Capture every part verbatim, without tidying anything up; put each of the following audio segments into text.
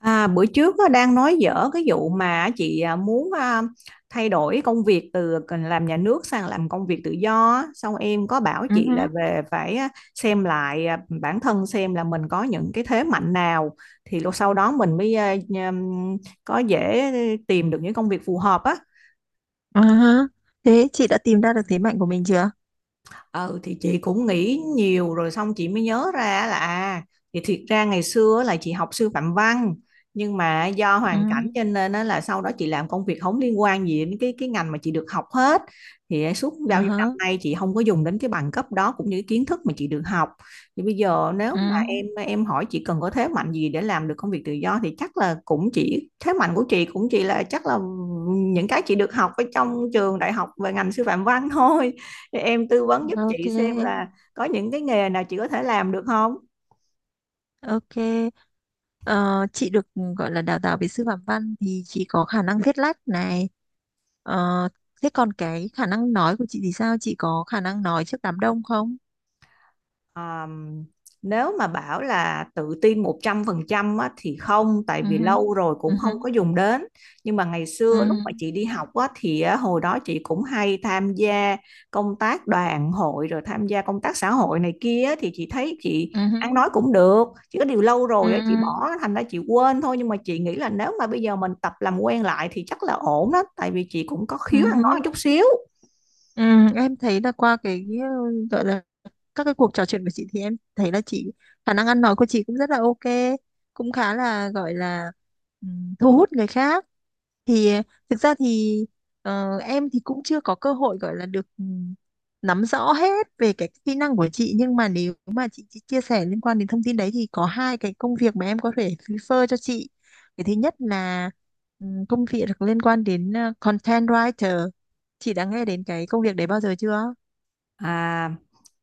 À, bữa trước á, đang nói dở cái vụ mà chị à, muốn à, thay đổi công việc từ làm nhà nước sang làm công việc tự do á. Xong em có bảo Ừ chị là hứ, về phải à, xem lại à, bản thân xem là mình có những cái thế mạnh nào thì lúc sau đó mình mới à, nhờ- có dễ tìm được những công việc phù hợp á. ừ hứ. Thế chị đã tìm ra được thế mạnh của mình chưa? Ừ thì chị cũng nghĩ nhiều rồi xong chị mới nhớ ra là à, thì thiệt ra ngày xưa là chị học sư phạm văn, nhưng mà do Ừ. hoàn cảnh cho nên á là sau đó chị làm công việc không liên quan gì đến cái cái ngành mà chị được học hết. Thì suốt Ừ bao nhiêu năm hứ, nay chị không có dùng đến cái bằng cấp đó cũng như cái kiến thức mà chị được học. Thì bây giờ nếu mà em ừ. em hỏi chị cần có thế mạnh gì để làm được công việc tự do thì chắc là cũng chỉ thế mạnh của chị cũng chỉ là chắc là những cái chị được học ở trong trường đại học về ngành sư phạm văn thôi. Thì em tư vấn giúp Ok, chị xem là có những cái nghề nào chị có thể làm được không. ok. Ờ, chị được gọi là đào tạo về sư phạm văn thì chị có khả năng viết lách này. Ờ, Thế còn cái khả năng nói của chị thì sao? Chị có khả năng nói trước đám đông không? Ờm, Nếu mà bảo là tự tin một trăm phần trăm á, thì không, tại Ừ vì hứ, lâu rồi ừ cũng hứ, không có dùng đến. Nhưng mà ngày ừ, xưa lúc mà chị đi học á, thì á, hồi đó chị cũng hay tham gia công tác đoàn hội rồi tham gia công tác xã hội này kia á, thì chị thấy chị ừ ăn hứ, nói cũng được, chỉ có điều lâu ừ, rồi á, chị ừ, bỏ thành ra chị quên thôi, nhưng mà chị nghĩ là nếu mà bây giờ mình tập làm quen lại thì chắc là ổn đó, tại vì chị cũng có ừ khiếu ăn nói một hứ. chút xíu. Ừ, em thấy là qua cái ừ, gọi là các cái cuộc trò chuyện của chị, thì em thấy là chị khả năng ăn nói của chị cũng rất là ok, cũng khá là gọi là ừm, thu hút người khác. Thì thực ra thì ờ, em thì cũng chưa có cơ hội gọi là được ừm, nắm rõ hết về cái kỹ năng của chị, nhưng mà nếu mà chị, chị chia sẻ liên quan đến thông tin đấy thì có hai cái công việc mà em có thể refer cho chị. Cái thứ nhất là ừm, công việc liên quan đến ờ, content writer. Chị đã nghe đến cái công việc đấy bao giờ chưa? À,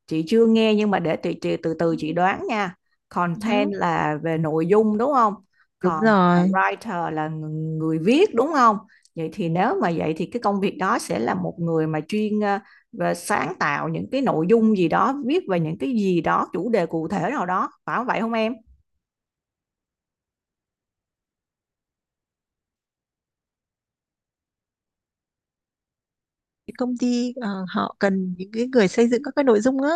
chị chưa nghe nhưng mà để chị, chị từ từ chị đoán nha. Content Ừ. là về nội dung đúng không? Đúng Còn à, rồi, writer là ng- người viết đúng không? Vậy thì nếu mà vậy thì cái công việc đó sẽ là một người mà chuyên à, về sáng tạo những cái nội dung gì đó, viết về những cái gì đó, chủ đề cụ thể nào đó, phải không vậy không em? cái công ty ờ, họ cần những cái người xây dựng các cái nội dung á.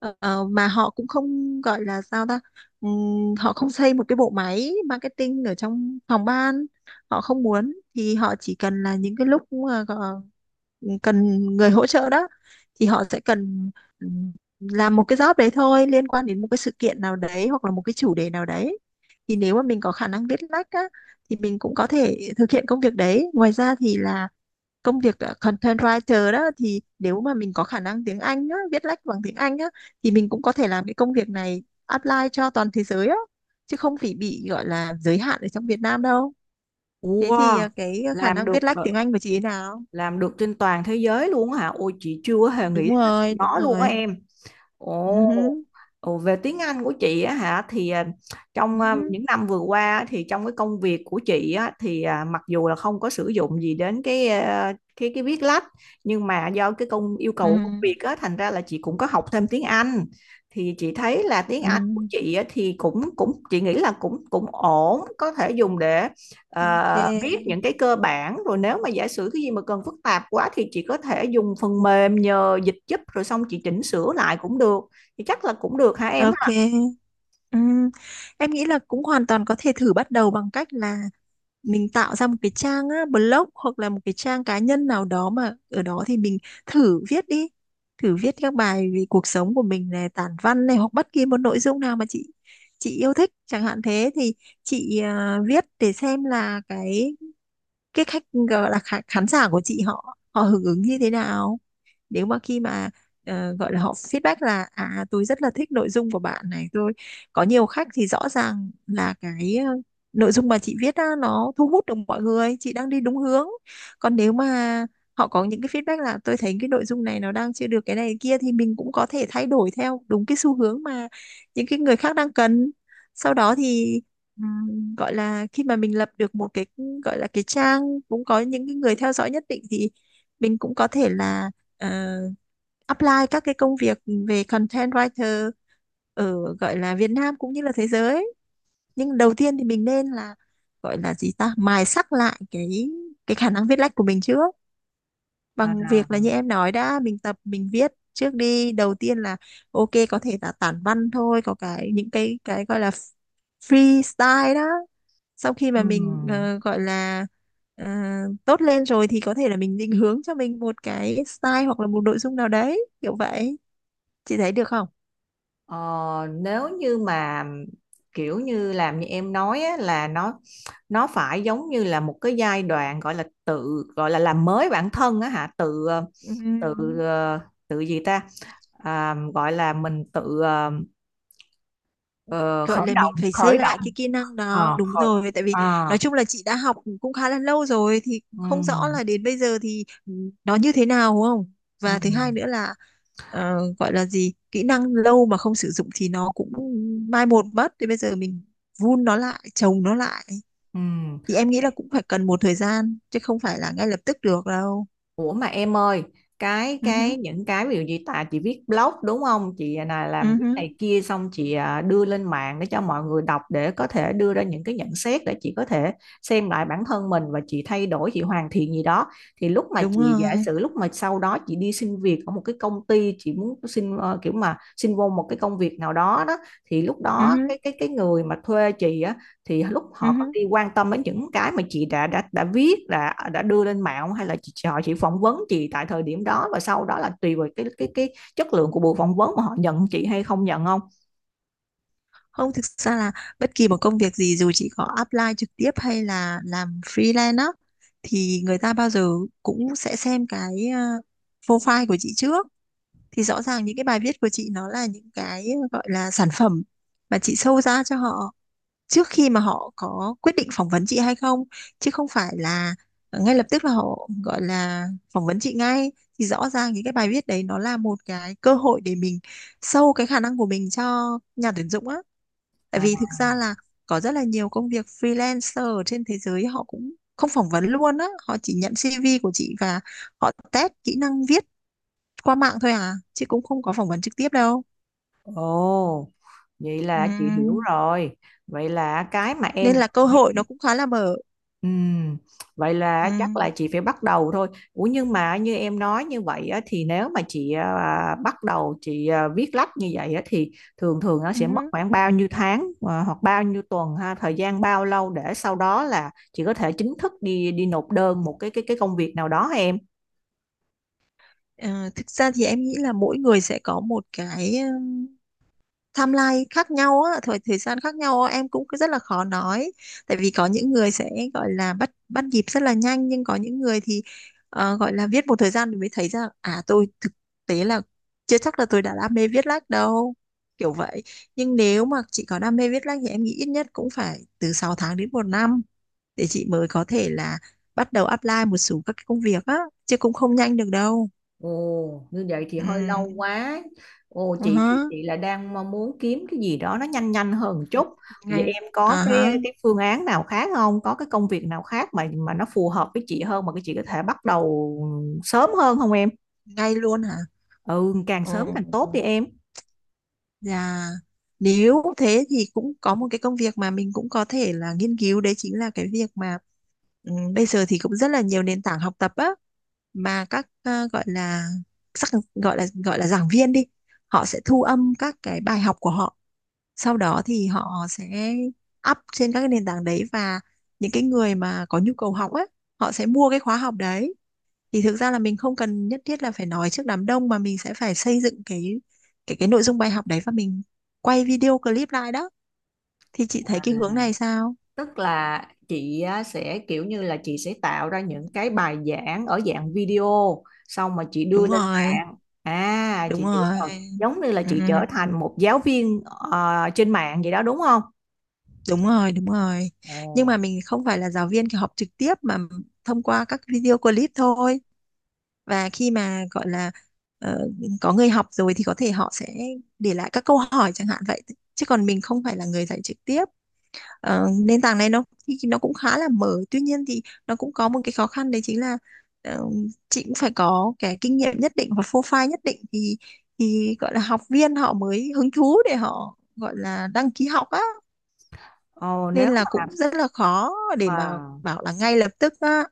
Ờ, ờ, mà họ cũng không gọi là sao ta. Ừm, họ không xây một cái bộ máy marketing ở trong phòng ban, họ không muốn, thì họ chỉ cần là những cái lúc mà gọ- cần người hỗ trợ đó thì họ sẽ cần ừm, làm một cái job đấy thôi, liên quan đến một cái sự kiện nào đấy hoặc là một cái chủ đề nào đấy. Thì nếu mà mình có khả năng viết lách á thì mình cũng có thể thực hiện công việc đấy. Ngoài ra thì là công việc ờ, content writer đó, thì nếu mà mình có khả năng tiếng Anh á, viết lách bằng tiếng Anh á, thì mình cũng có thể làm cái công việc này apply cho toàn thế giới á, chứ không phải bị gọi là giới hạn ở trong Việt Nam đâu. Thế thì Wow, ờ, cái khả làm năng được viết lách ờ, tiếng Anh của chị thế nào? làm được trên toàn thế giới luôn á hả? Ôi chị chưa hề nghĩ Đúng đến rồi đúng nó luôn á rồi em. ừ Ồ, hứ, ồ, về tiếng Anh của chị á hả thì à, ừ trong à, hứ, những năm vừa qua á, thì trong cái công việc của chị á thì à, mặc dù là không có sử dụng gì đến cái à, cái cái viết lách, nhưng mà do cái công yêu ừ cầu của công việc á thành ra là chị cũng có học thêm tiếng Anh. Thì chị thấy là tiếng Anh của ừ chị á, thì cũng cũng chị nghĩ là cũng cũng ổn, có thể dùng để à, biết Ok, những cái cơ bản rồi, nếu mà giả sử cái gì mà cần phức tạp quá thì chị có thể dùng phần mềm nhờ dịch giúp rồi xong chị chỉnh sửa lại cũng được. Thì chắc là cũng được hả em ha. ok. Ừ. Em nghĩ là cũng hoàn toàn có thể thử bắt đầu bằng cách là mình tạo ra một cái trang á, blog hoặc là một cái trang cá nhân nào đó, mà ở đó thì mình thử viết đi, thử viết các bài về cuộc sống của mình này, tản văn này, hoặc bất kỳ một nội dung nào mà chị chị yêu thích chẳng hạn. Thế thì chị à, viết để xem là cái cái khách, gọi là khán khán giả của chị họ họ hưởng ứng như thế nào. Nếu mà khi mà ờ, gọi là họ feedback là à tôi rất là thích nội dung của bạn này, tôi có nhiều khách, thì rõ ràng là cái ờ, nội dung mà chị viết á, nó thu hút được mọi người, chị đang đi đúng hướng. Còn nếu mà họ có những cái feedback là tôi thấy cái nội dung này nó đang chưa được cái này cái kia, thì mình cũng có thể thay đổi theo đúng cái xu hướng mà những cái người khác đang cần. Sau đó thì ừm, gọi là khi mà mình lập được một cái, gọi là cái trang, cũng có những cái người theo dõi nhất định, thì mình cũng có thể là ờ, apply các cái công việc về content writer ở gọi là Việt Nam cũng như là thế giới. Nhưng đầu tiên thì mình nên là, gọi là gì ta, mài sắc lại cái cái khả năng viết lách của mình trước, À, bằng việc là như em nói đã, mình tập mình viết trước đi. Đầu tiên là ok, có thể là tản văn thôi, có cái những cái cái gọi là freestyle đó. Sau khi mà mình ừm. ờ, gọi là ờ, tốt lên rồi thì có thể là mình định hướng cho mình một cái style hoặc là một nội dung nào đấy kiểu vậy. Chị thấy được không? Ờ, nếu như mà kiểu như làm như em nói á, là nó nó phải giống như là một cái giai đoạn gọi là tự gọi là làm mới bản thân á hả, tự ờ, tự Ừm. ờ, tự gì ta, à, gọi là mình tự ờ, ờ, Gọi khởi là động mình phải khởi xây lại động cái kỹ năng đó, Ờ, đúng khởi, rồi, tại vì à, nói chung là chị đã học cũng khá là lâu rồi thì không rõ là Ừ, đến bây giờ thì ừ, nó như thế nào, đúng không. ừ, Và thứ hai nữa là ờ, gọi là gì, kỹ năng lâu mà không sử dụng thì nó cũng mai một mất, thì bây giờ mình vun nó lại, trồng nó lại, ừ. thì em nghĩ là cũng phải cần một thời gian chứ không phải là ngay lập tức được đâu. Ủa mà em ơi, cái Ừ hứ, cái những cái ví dụ như tại chị viết blog đúng không? Chị là ừ làm viết này hứ, kia xong chị à, đưa lên mạng để cho mọi người đọc để có thể đưa ra những cái nhận xét để chị có thể xem lại bản thân mình và chị thay đổi, chị hoàn thiện gì đó. Thì lúc mà đúng chị giả rồi. sử lúc mà sau đó chị đi xin việc ở một cái công ty, chị muốn xin ờ, kiểu mà xin vô một cái công việc nào đó đó, thì lúc Ừ đó hứ, cái cái cái người mà thuê chị á, thì lúc ừ họ có hứ. đi quan tâm đến những cái mà chị đã đã đã viết, đã đã đưa lên mạng không? Hay là chị họ chỉ phỏng vấn chị tại thời điểm đó và sau đó là tùy vào cái cái cái chất lượng của buổi phỏng vấn mà họ nhận chị hay không nhận không. Không, thực ra là bất kỳ một công việc gì, dù chị có apply trực tiếp hay là làm freelance á, thì người ta bao giờ cũng sẽ xem cái ờ, profile của chị trước. Thì rõ ràng những cái bài viết của chị nó là những cái ờ, gọi là sản phẩm mà chị show ra cho họ trước khi mà họ có quyết định phỏng vấn chị hay không, chứ không phải là ngay lập tức là họ gọi là phỏng vấn chị ngay. Thì rõ ràng thì cái bài viết đấy nó là một cái cơ hội để mình show cái khả năng của mình cho nhà tuyển dụng á. Tại À, vì thực ra là có rất là nhiều công việc freelancer ở trên thế giới họ cũng không phỏng vấn luôn á, họ chỉ nhận xê vê của chị và họ test kỹ năng viết qua mạng thôi à, chứ cũng không có phỏng vấn trực tiếp đâu. ồ, vậy là chị hiểu Ừm, rồi. Vậy là cái mà Nên em... là cơ hội nó cũng khá là mở. Ừm, vậy là chắc là Ừm, chị phải bắt đầu thôi. Ủa nhưng mà như em nói như vậy á, thì nếu mà chị à, bắt đầu chị à, viết lách như vậy á, thì thường thường nó sẽ mất ừm. khoảng bao nhiêu tháng à, hoặc bao nhiêu tuần ha, thời gian bao lâu để sau đó là chị có thể chính thức đi đi nộp đơn một cái cái cái công việc nào đó hả em? Ờ, thực ra thì em nghĩ là mỗi người sẽ có một cái um, timeline khác nhau á, thời thời gian khác nhau á, em cũng cứ rất là khó nói. Tại vì có những người sẽ gọi là bắt bắt nhịp rất là nhanh, nhưng có những người thì ờ, gọi là viết một thời gian thì mới thấy ra à tôi thực tế là chưa chắc là tôi đã đam mê viết lách đâu. Kiểu vậy. Nhưng nếu mà chị có đam mê viết lách thì em nghĩ ít nhất cũng phải từ sáu tháng đến một năm để chị mới có thể là bắt đầu apply một số các cái công việc á, chứ cũng không nhanh được đâu. Ồ, như vậy thì Ừ. hơi lâu quá. Ồ, Ừ chị thì hứ, chị là đang mong muốn kiếm cái gì đó nó nhanh nhanh hơn một chút. Vậy ngay em à có cái hả, cái phương án nào khác không? Có cái công việc nào khác mà mà nó phù hợp với chị hơn mà cái chị có thể bắt đầu sớm hơn không em? ngay luôn hả? Ừ, càng sớm càng tốt Ừ. đi em. Dạ. Nếu thế thì cũng có một cái công việc mà mình cũng có thể là nghiên cứu, đấy chính là cái việc mà ừ, bây giờ thì cũng rất là nhiều nền tảng học tập á, mà các ờ, gọi là sắc, gọi là gọi là giảng viên đi, họ sẽ thu âm các cái bài học của họ. Sau đó thì họ sẽ up trên các cái nền tảng đấy, và những cái người mà có nhu cầu học á, họ sẽ mua cái khóa học đấy. Thì thực ra là mình không cần nhất thiết là phải nói trước đám đông, mà mình sẽ phải xây dựng cái cái cái nội dung bài học đấy và mình quay video clip lại đó. Thì chị thấy À, cái hướng này sao? tức là chị á, sẽ kiểu như là chị sẽ tạo ra những cái bài giảng ở dạng video xong mà chị đưa Đúng lên rồi, mạng. À đúng chị hiểu rồi. rồi, giống như là Ừ, chị ừ, trở thành một giáo viên ờ, trên mạng vậy đó đúng không. đúng rồi, đúng rồi. Nhưng mà mình không phải là giáo viên kiểu học trực tiếp, mà thông qua các video clip thôi. Và khi mà gọi là ờ, có người học rồi thì có thể họ sẽ để lại các câu hỏi chẳng hạn vậy, chứ còn mình không phải là người dạy trực tiếp. Ờ, nền tảng này nó thì nó cũng khá là mở, tuy nhiên thì nó cũng có một cái khó khăn đấy chính là ờ, chị cũng phải có cái kinh nghiệm nhất định và profile nhất định thì thì gọi là học viên họ mới hứng thú để họ gọi là đăng ký học á, Ồ nên nếu là mà, cũng rất là khó để mà wow. bảo là ngay lập tức á.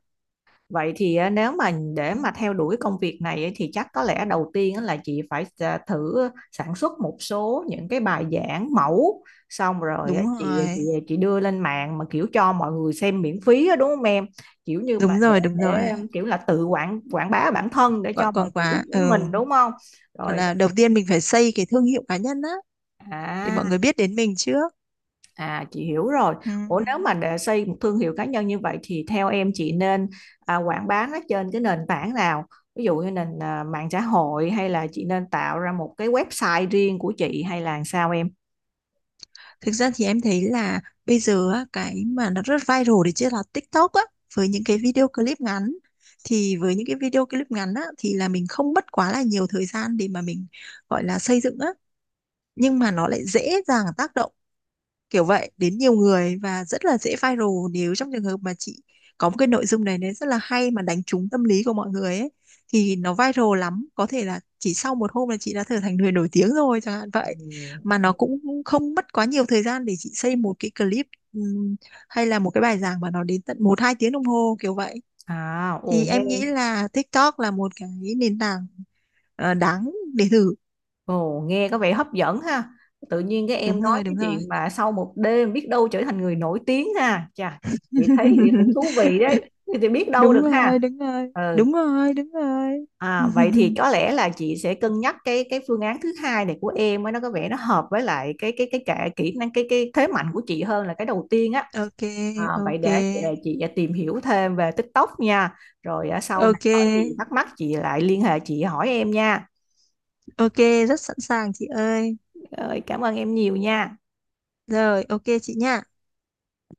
Vậy thì á, nếu mà để Ừ, mà theo đuổi công việc này ấy, thì chắc có lẽ đầu tiên á là chị phải à, thử sản xuất một số những cái bài giảng mẫu, xong rồi á, đúng chị rồi, chị chị đưa lên mạng mà kiểu cho mọi người xem miễn phí á, đúng không em? Kiểu như mà đúng để rồi, đúng rồi. để um, kiểu là tự quảng quảng bá bản thân để cho quảng mọi quảng người quá biết ừ. đến mình đúng không? Gọi Rồi là đầu tiên mình phải xây cái thương hiệu cá nhân á để mọi à người biết đến mình trước. À chị hiểu rồi. Ừ. Ủa nếu mà để xây một thương hiệu cá nhân như vậy thì theo em chị nên à, quảng bá nó trên cái nền tảng nào? Ví dụ như nền à, mạng xã hội, hay là chị nên tạo ra một cái website riêng của chị, hay là làm sao em? Thực ra thì em thấy là bây giờ á, cái mà nó rất viral đấy chứ là TikTok á, với những cái video clip ngắn. Thì với những cái video clip ngắn á, thì là mình không mất quá là nhiều thời gian để mà mình gọi là xây dựng á. Nhưng mà nó lại dễ dàng tác động kiểu vậy đến nhiều người, và rất là dễ viral nếu trong trường hợp mà chị có một cái nội dung này nó rất là hay mà đánh trúng tâm lý của mọi người ấy, thì nó viral lắm, có thể là chỉ sau một hôm là chị đã trở thành người nổi tiếng rồi chẳng hạn vậy. Ừ. Mà nó cũng không mất quá nhiều thời gian để chị xây một cái clip, ừm, hay là một cái bài giảng mà nó đến tận một hai tiếng đồng hồ kiểu vậy. À, Thì ồ em nghĩ nghe, là TikTok là một cái nền tảng ờ, đáng để thử. ồ nghe có vẻ hấp dẫn ha. Tự nhiên cái em Đúng nói rồi, cái đúng rồi. chuyện mà sau một đêm biết đâu trở thành người nổi tiếng ha. Chà, chị thấy thì cũng thú vị đấy. Thì biết đâu Đúng được rồi, ha. đúng rồi, Ừ. đúng rồi, đúng rồi. À, vậy thì có lẽ là chị sẽ cân nhắc cái cái phương án thứ hai này của em ấy, nó có vẻ nó hợp với lại cái cái cái cả kỹ năng cái cái thế mạnh của chị hơn là cái đầu tiên á. Ok, À, vậy ok. để để chị tìm hiểu thêm về TikTok nha. Rồi à, sau này Ok, có gì thắc mắc chị lại liên hệ chị hỏi em nha. ok, rất sẵn sàng chị ơi. Rồi, cảm ơn em nhiều nha. Rồi, ok chị nha.